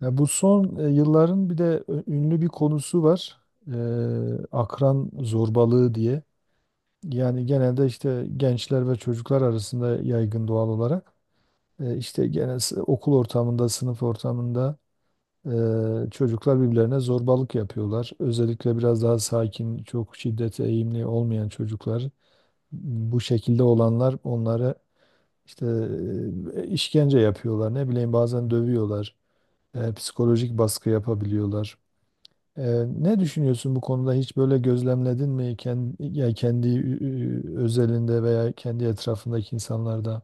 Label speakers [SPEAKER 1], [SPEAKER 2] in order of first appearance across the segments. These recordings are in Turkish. [SPEAKER 1] Ya bu son yılların bir de ünlü bir konusu var. Akran zorbalığı diye. Yani genelde işte gençler ve çocuklar arasında yaygın doğal olarak. İşte okul ortamında, sınıf ortamında, çocuklar birbirlerine zorbalık yapıyorlar. Özellikle biraz daha sakin, çok şiddete eğimli olmayan çocuklar. Bu şekilde olanlar onlara işte işkence yapıyorlar. Ne bileyim bazen dövüyorlar. Psikolojik baskı yapabiliyorlar. Ee, Ne düşünüyorsun bu konuda? Hiç böyle gözlemledin mi kendi, ya kendi özelinde veya kendi etrafındaki insanlarda?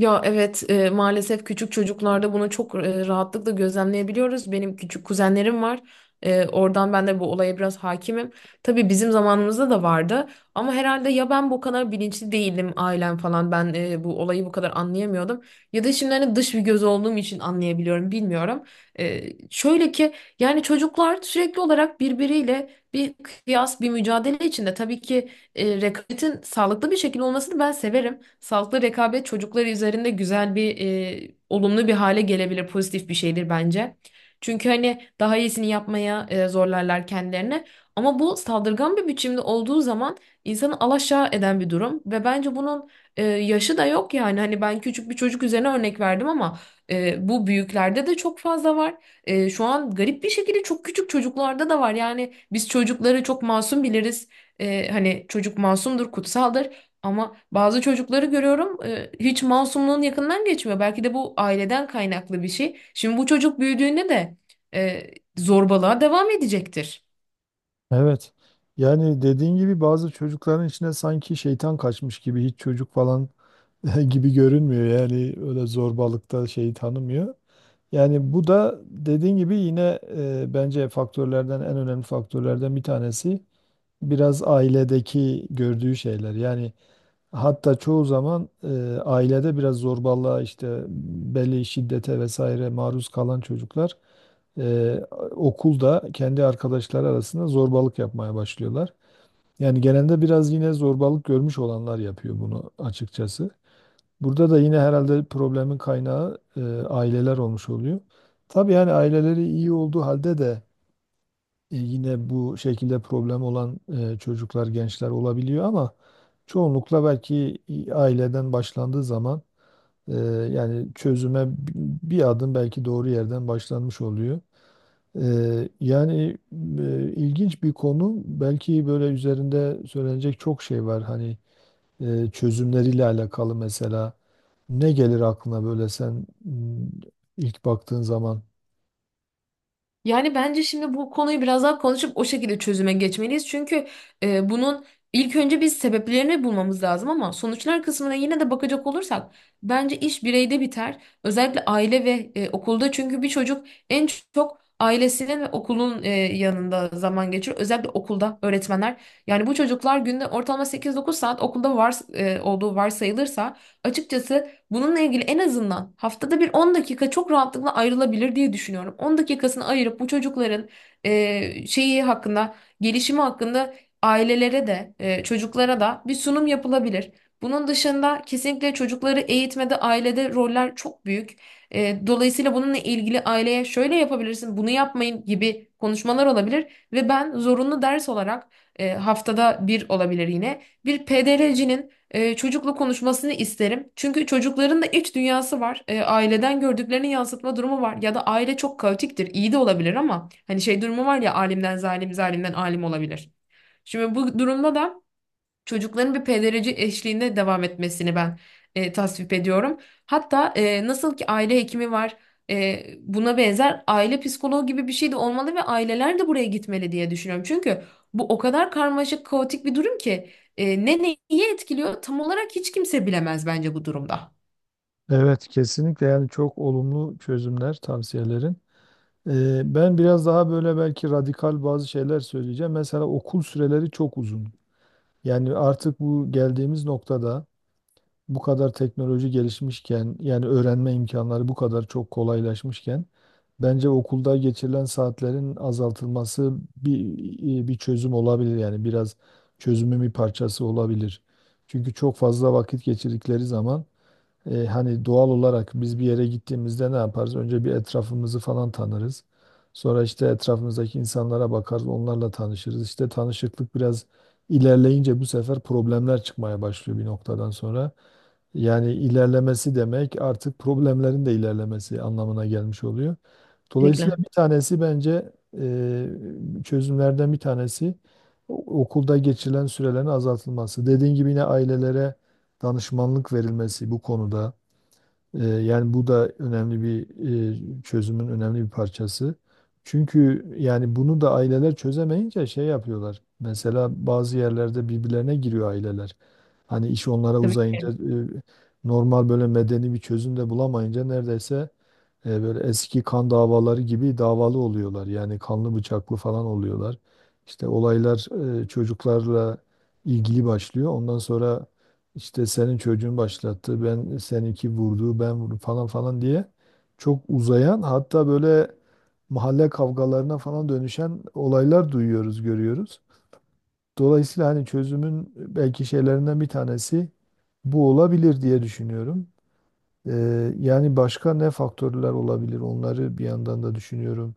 [SPEAKER 2] Ya evet maalesef küçük çocuklarda bunu çok rahatlıkla gözlemleyebiliyoruz. Benim küçük kuzenlerim var. Oradan ben de bu olaya biraz hakimim. Tabii bizim zamanımızda da vardı. Ama herhalde ya ben bu kadar bilinçli değilim ailem falan. Ben bu olayı bu kadar anlayamıyordum. Ya da şimdi hani dış bir göz olduğum için anlayabiliyorum bilmiyorum. E, Şöyle ki yani çocuklar sürekli olarak birbiriyle bir kıyas bir mücadele içinde. Tabii ki rekabetin sağlıklı bir şekilde olmasını ben severim. Sağlıklı rekabet çocukları üzerinde güzel bir olumlu bir hale gelebilir, pozitif bir şeydir bence. Çünkü hani daha iyisini yapmaya zorlarlar kendilerini. Ama bu saldırgan bir biçimde olduğu zaman insanı alaşağı eden bir durum ve bence bunun yaşı da yok yani. Hani ben küçük bir çocuk üzerine örnek verdim ama bu büyüklerde de çok fazla var. Şu an garip bir şekilde çok küçük çocuklarda da var. Yani biz çocukları çok masum biliriz. Hani çocuk masumdur, kutsaldır ama bazı çocukları görüyorum hiç masumluğun yakından geçmiyor. Belki de bu aileden kaynaklı bir şey. Şimdi bu çocuk büyüdüğünde de e, zorbalığa devam edecektir.
[SPEAKER 1] Evet. Yani dediğin gibi bazı çocukların içine sanki şeytan kaçmış gibi hiç çocuk falan gibi görünmüyor. Yani öyle zorbalıkta şeyi tanımıyor. Yani bu da dediğin gibi yine bence faktörlerden en önemli faktörlerden bir tanesi biraz ailedeki gördüğü şeyler. Yani hatta çoğu zaman ailede biraz zorbalığa işte belli şiddete vesaire maruz kalan çocuklar e, okulda kendi arkadaşları arasında zorbalık yapmaya başlıyorlar. Yani genelde biraz yine zorbalık görmüş olanlar yapıyor bunu açıkçası. Burada da yine herhalde problemin kaynağı aileler olmuş oluyor. Tabii yani aileleri iyi olduğu halde de yine bu şekilde problem olan çocuklar, gençler olabiliyor ama çoğunlukla belki aileden başlandığı zaman e, yani bir adım belki doğru yerden başlanmış oluyor. Yani ilginç bir konu. Belki böyle üzerinde söylenecek çok şey var. Hani çözümleriyle alakalı mesela. Ne gelir aklına böyle sen ilk baktığın zaman?
[SPEAKER 2] Yani bence şimdi bu konuyu biraz daha konuşup o şekilde çözüme geçmeliyiz. Çünkü bunun ilk önce biz sebeplerini bulmamız lazım ama sonuçlar kısmına yine de bakacak olursak bence iş bireyde biter. Özellikle aile ve okulda çünkü bir çocuk en çok ailesinin ve okulun yanında zaman geçirir. Özellikle okulda öğretmenler. Yani bu çocuklar günde ortalama 8-9 saat okulda var olduğu varsayılırsa açıkçası bununla ilgili en azından haftada bir 10 dakika çok rahatlıkla ayrılabilir diye düşünüyorum. 10 dakikasını ayırıp bu çocukların şeyi hakkında, gelişimi hakkında ailelere de, çocuklara da bir sunum yapılabilir. Bunun dışında kesinlikle çocukları eğitmede, ailede roller çok büyük. Dolayısıyla bununla ilgili aileye şöyle yapabilirsin, bunu yapmayın gibi konuşmalar olabilir ve ben zorunlu ders olarak haftada bir olabilir yine bir PDRC'nin çocukla konuşmasını isterim. Çünkü çocukların da iç dünyası var. Aileden gördüklerini yansıtma durumu var. Ya da aile çok kaotiktir. İyi de olabilir ama hani şey durumu var ya alimden zalim, zalimden alim olabilir. Şimdi bu durumda da çocukların bir pedagoji eşliğinde devam etmesini ben tasvip ediyorum. Hatta nasıl ki aile hekimi var, buna benzer aile psikoloğu gibi bir şey de olmalı ve aileler de buraya gitmeli diye düşünüyorum. Çünkü bu o kadar karmaşık, kaotik bir durum ki ne neyi etkiliyor tam olarak hiç kimse bilemez bence bu durumda.
[SPEAKER 1] Evet, kesinlikle yani çok olumlu çözümler, tavsiyelerin. Ben biraz daha böyle belki radikal bazı şeyler söyleyeceğim. Mesela okul süreleri çok uzun. Yani artık bu geldiğimiz noktada bu kadar teknoloji gelişmişken yani öğrenme imkanları bu kadar çok kolaylaşmışken bence okulda geçirilen saatlerin azaltılması bir çözüm olabilir yani biraz çözümün bir parçası olabilir. Çünkü çok fazla vakit geçirdikleri zaman hani doğal olarak biz bir yere gittiğimizde ne yaparız? Önce bir etrafımızı falan tanırız. Sonra işte etrafımızdaki insanlara bakarız, onlarla tanışırız. İşte tanışıklık biraz ilerleyince bu sefer problemler çıkmaya başlıyor bir noktadan sonra. Yani ilerlemesi demek artık problemlerin de ilerlemesi anlamına gelmiş oluyor. Dolayısıyla
[SPEAKER 2] Kesinlikle.
[SPEAKER 1] bir tanesi bence e, çözümlerden bir tanesi okulda geçirilen sürelerin azaltılması. Dediğin gibi yine ailelere danışmanlık verilmesi bu konuda. Yani bu da önemli bir çözümün önemli bir parçası. Çünkü yani bunu da aileler çözemeyince şey yapıyorlar. Mesela bazı yerlerde birbirlerine giriyor aileler. Hani iş onlara
[SPEAKER 2] Tabii.
[SPEAKER 1] uzayınca normal böyle medeni bir çözüm de bulamayınca neredeyse böyle eski kan davaları gibi davalı oluyorlar. Yani kanlı bıçaklı falan oluyorlar. İşte olaylar çocuklarla ilgili başlıyor. Ondan sonra işte senin çocuğun başlattı, ben seninki vurdu, ben vurdum falan falan diye çok uzayan hatta böyle mahalle kavgalarına falan dönüşen olaylar duyuyoruz, görüyoruz. Dolayısıyla hani çözümün belki şeylerinden bir tanesi bu olabilir diye düşünüyorum. Yani başka ne faktörler olabilir? Onları bir yandan da düşünüyorum.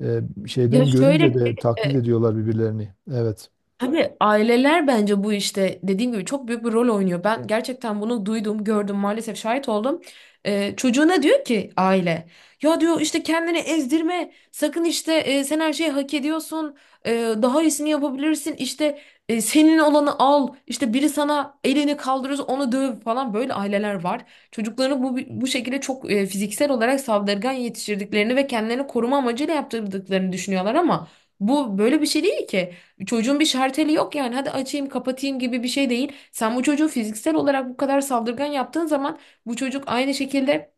[SPEAKER 2] Ya
[SPEAKER 1] Şeyden görünce
[SPEAKER 2] şöyle ki,
[SPEAKER 1] de taklit ediyorlar birbirlerini. Evet.
[SPEAKER 2] tabii aileler bence bu işte dediğim gibi çok büyük bir rol oynuyor. Ben gerçekten bunu duydum, gördüm, maalesef şahit oldum. Çocuğuna diyor ki aile, ya diyor işte kendini ezdirme, sakın işte sen her şeyi hak ediyorsun, e, daha iyisini yapabilirsin, işte senin olanı al, işte biri sana elini kaldırır, onu döv falan böyle aileler var. Çocuklarını bu şekilde çok fiziksel olarak saldırgan yetiştirdiklerini ve kendilerini koruma amacıyla yaptırdıklarını düşünüyorlar ama bu böyle bir şey değil ki. Çocuğun bir şarteli yok yani hadi açayım kapatayım gibi bir şey değil. Sen bu çocuğu fiziksel olarak bu kadar saldırgan yaptığın zaman bu çocuk aynı şekilde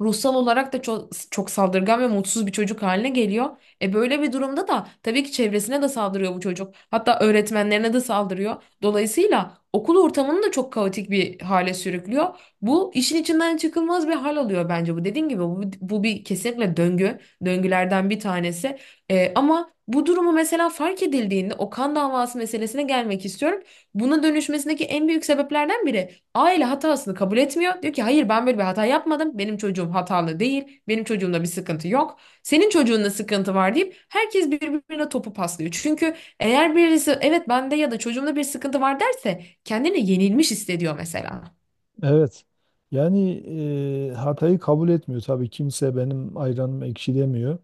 [SPEAKER 2] ruhsal olarak da çok, çok saldırgan ve mutsuz bir çocuk haline geliyor. E böyle bir durumda da tabii ki çevresine de saldırıyor bu çocuk. Hatta öğretmenlerine de saldırıyor. Dolayısıyla okul ortamını da çok kaotik bir hale sürüklüyor. Bu işin içinden çıkılmaz bir hal alıyor bence bu. Dediğim gibi bu, bu bir kesinlikle döngü. Döngülerden bir tanesi. Ama bu durumu mesela fark edildiğinde o kan davası meselesine gelmek istiyorum. Buna dönüşmesindeki en büyük sebeplerden biri aile hatasını kabul etmiyor. Diyor ki hayır ben böyle bir hata yapmadım. Benim çocuğum hatalı değil. Benim çocuğumda bir sıkıntı yok. Senin çocuğunda sıkıntı var deyip herkes birbirine topu paslıyor. Çünkü eğer birisi evet bende ya da çocuğumda bir sıkıntı var derse kendini yenilmiş hissediyor mesela.
[SPEAKER 1] Evet. Yani hatayı kabul etmiyor. Tabii kimse benim ayranım ekşi demiyor.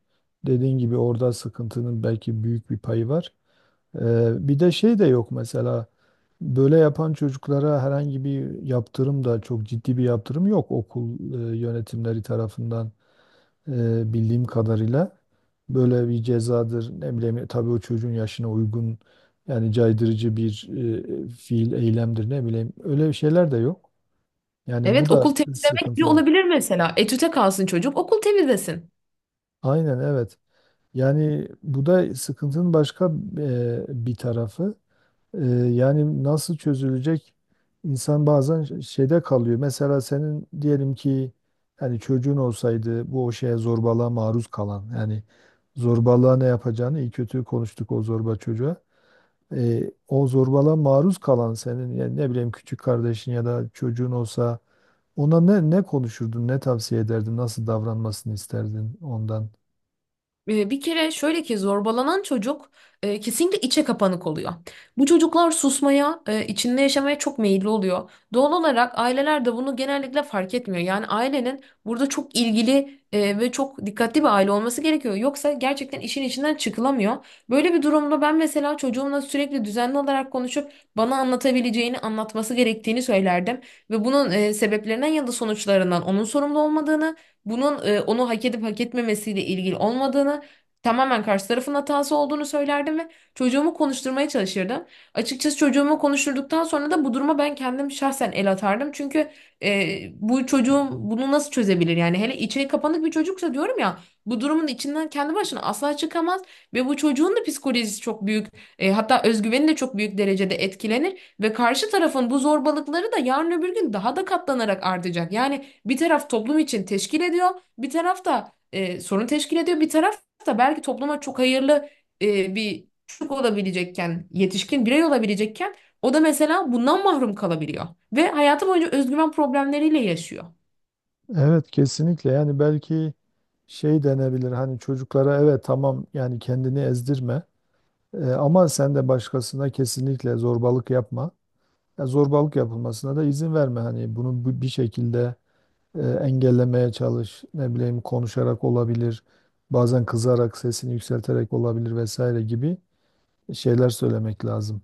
[SPEAKER 1] Dediğin gibi orada sıkıntının belki büyük bir payı var. Bir de şey de yok mesela. Böyle yapan çocuklara herhangi bir yaptırım da çok ciddi bir yaptırım yok okul yönetimleri tarafından. Bildiğim kadarıyla böyle bir cezadır. Ne bileyim tabii o çocuğun yaşına uygun yani caydırıcı bir fiil, eylemdir ne bileyim. Öyle şeyler de yok. Yani bu
[SPEAKER 2] Evet
[SPEAKER 1] da
[SPEAKER 2] okul temizlemek bile
[SPEAKER 1] sıkıntı.
[SPEAKER 2] olabilir mesela. Etüte kalsın çocuk okul temizlesin.
[SPEAKER 1] Aynen evet. Yani bu da sıkıntının başka bir tarafı. Ee, Yani nasıl çözülecek? İnsan bazen şeyde kalıyor. Mesela senin diyelim ki yani çocuğun olsaydı bu o şeye zorbalığa maruz kalan yani zorbalığa ne yapacağını iyi kötü konuştuk o zorba çocuğa. O zorbalığa maruz kalan senin yani ne bileyim küçük kardeşin ya da çocuğun olsa ona ne konuşurdun, ne tavsiye ederdin, nasıl davranmasını isterdin ondan?
[SPEAKER 2] Bir kere şöyle ki zorbalanan çocuk kesinlikle içe kapanık oluyor. Bu çocuklar susmaya, içinde yaşamaya çok meyilli oluyor. Doğal olarak aileler de bunu genellikle fark etmiyor. Yani ailenin burada çok ilgili ve çok dikkatli bir aile olması gerekiyor. Yoksa gerçekten işin içinden çıkılamıyor. Böyle bir durumda ben mesela çocuğumla sürekli düzenli olarak konuşup bana anlatabileceğini, anlatması gerektiğini söylerdim. Ve bunun sebeplerinden ya da sonuçlarından onun sorumlu olmadığını bunun onu hak edip hak etmemesiyle ilgili olmadığını, tamamen karşı tarafın hatası olduğunu söylerdim ve çocuğumu konuşturmaya çalışırdım. Açıkçası çocuğumu konuşturduktan sonra da bu duruma ben kendim şahsen el atardım. Çünkü bu çocuğum bunu nasıl çözebilir? Yani hele içe kapanık bir çocuksa diyorum ya bu durumun içinden kendi başına asla çıkamaz ve bu çocuğun da psikolojisi çok büyük hatta özgüveni de çok büyük derecede etkilenir ve karşı tarafın bu zorbalıkları da yarın öbür gün daha da katlanarak artacak. Yani bir taraf toplum için teşkil ediyor, bir taraf da sorun teşkil ediyor, bir taraf da belki topluma çok hayırlı bir çocuk olabilecekken, yetişkin birey olabilecekken o da mesela bundan mahrum kalabiliyor ve hayatı boyunca özgüven problemleriyle yaşıyor.
[SPEAKER 1] Evet, kesinlikle yani belki şey denebilir. Hani çocuklara evet tamam yani kendini ezdirme. Ama sen de başkasına kesinlikle zorbalık yapma. Ya zorbalık yapılmasına da izin verme. Hani bunu bir şekilde engellemeye çalış. Ne bileyim konuşarak olabilir. Bazen kızarak, sesini yükselterek olabilir vesaire gibi şeyler söylemek lazım.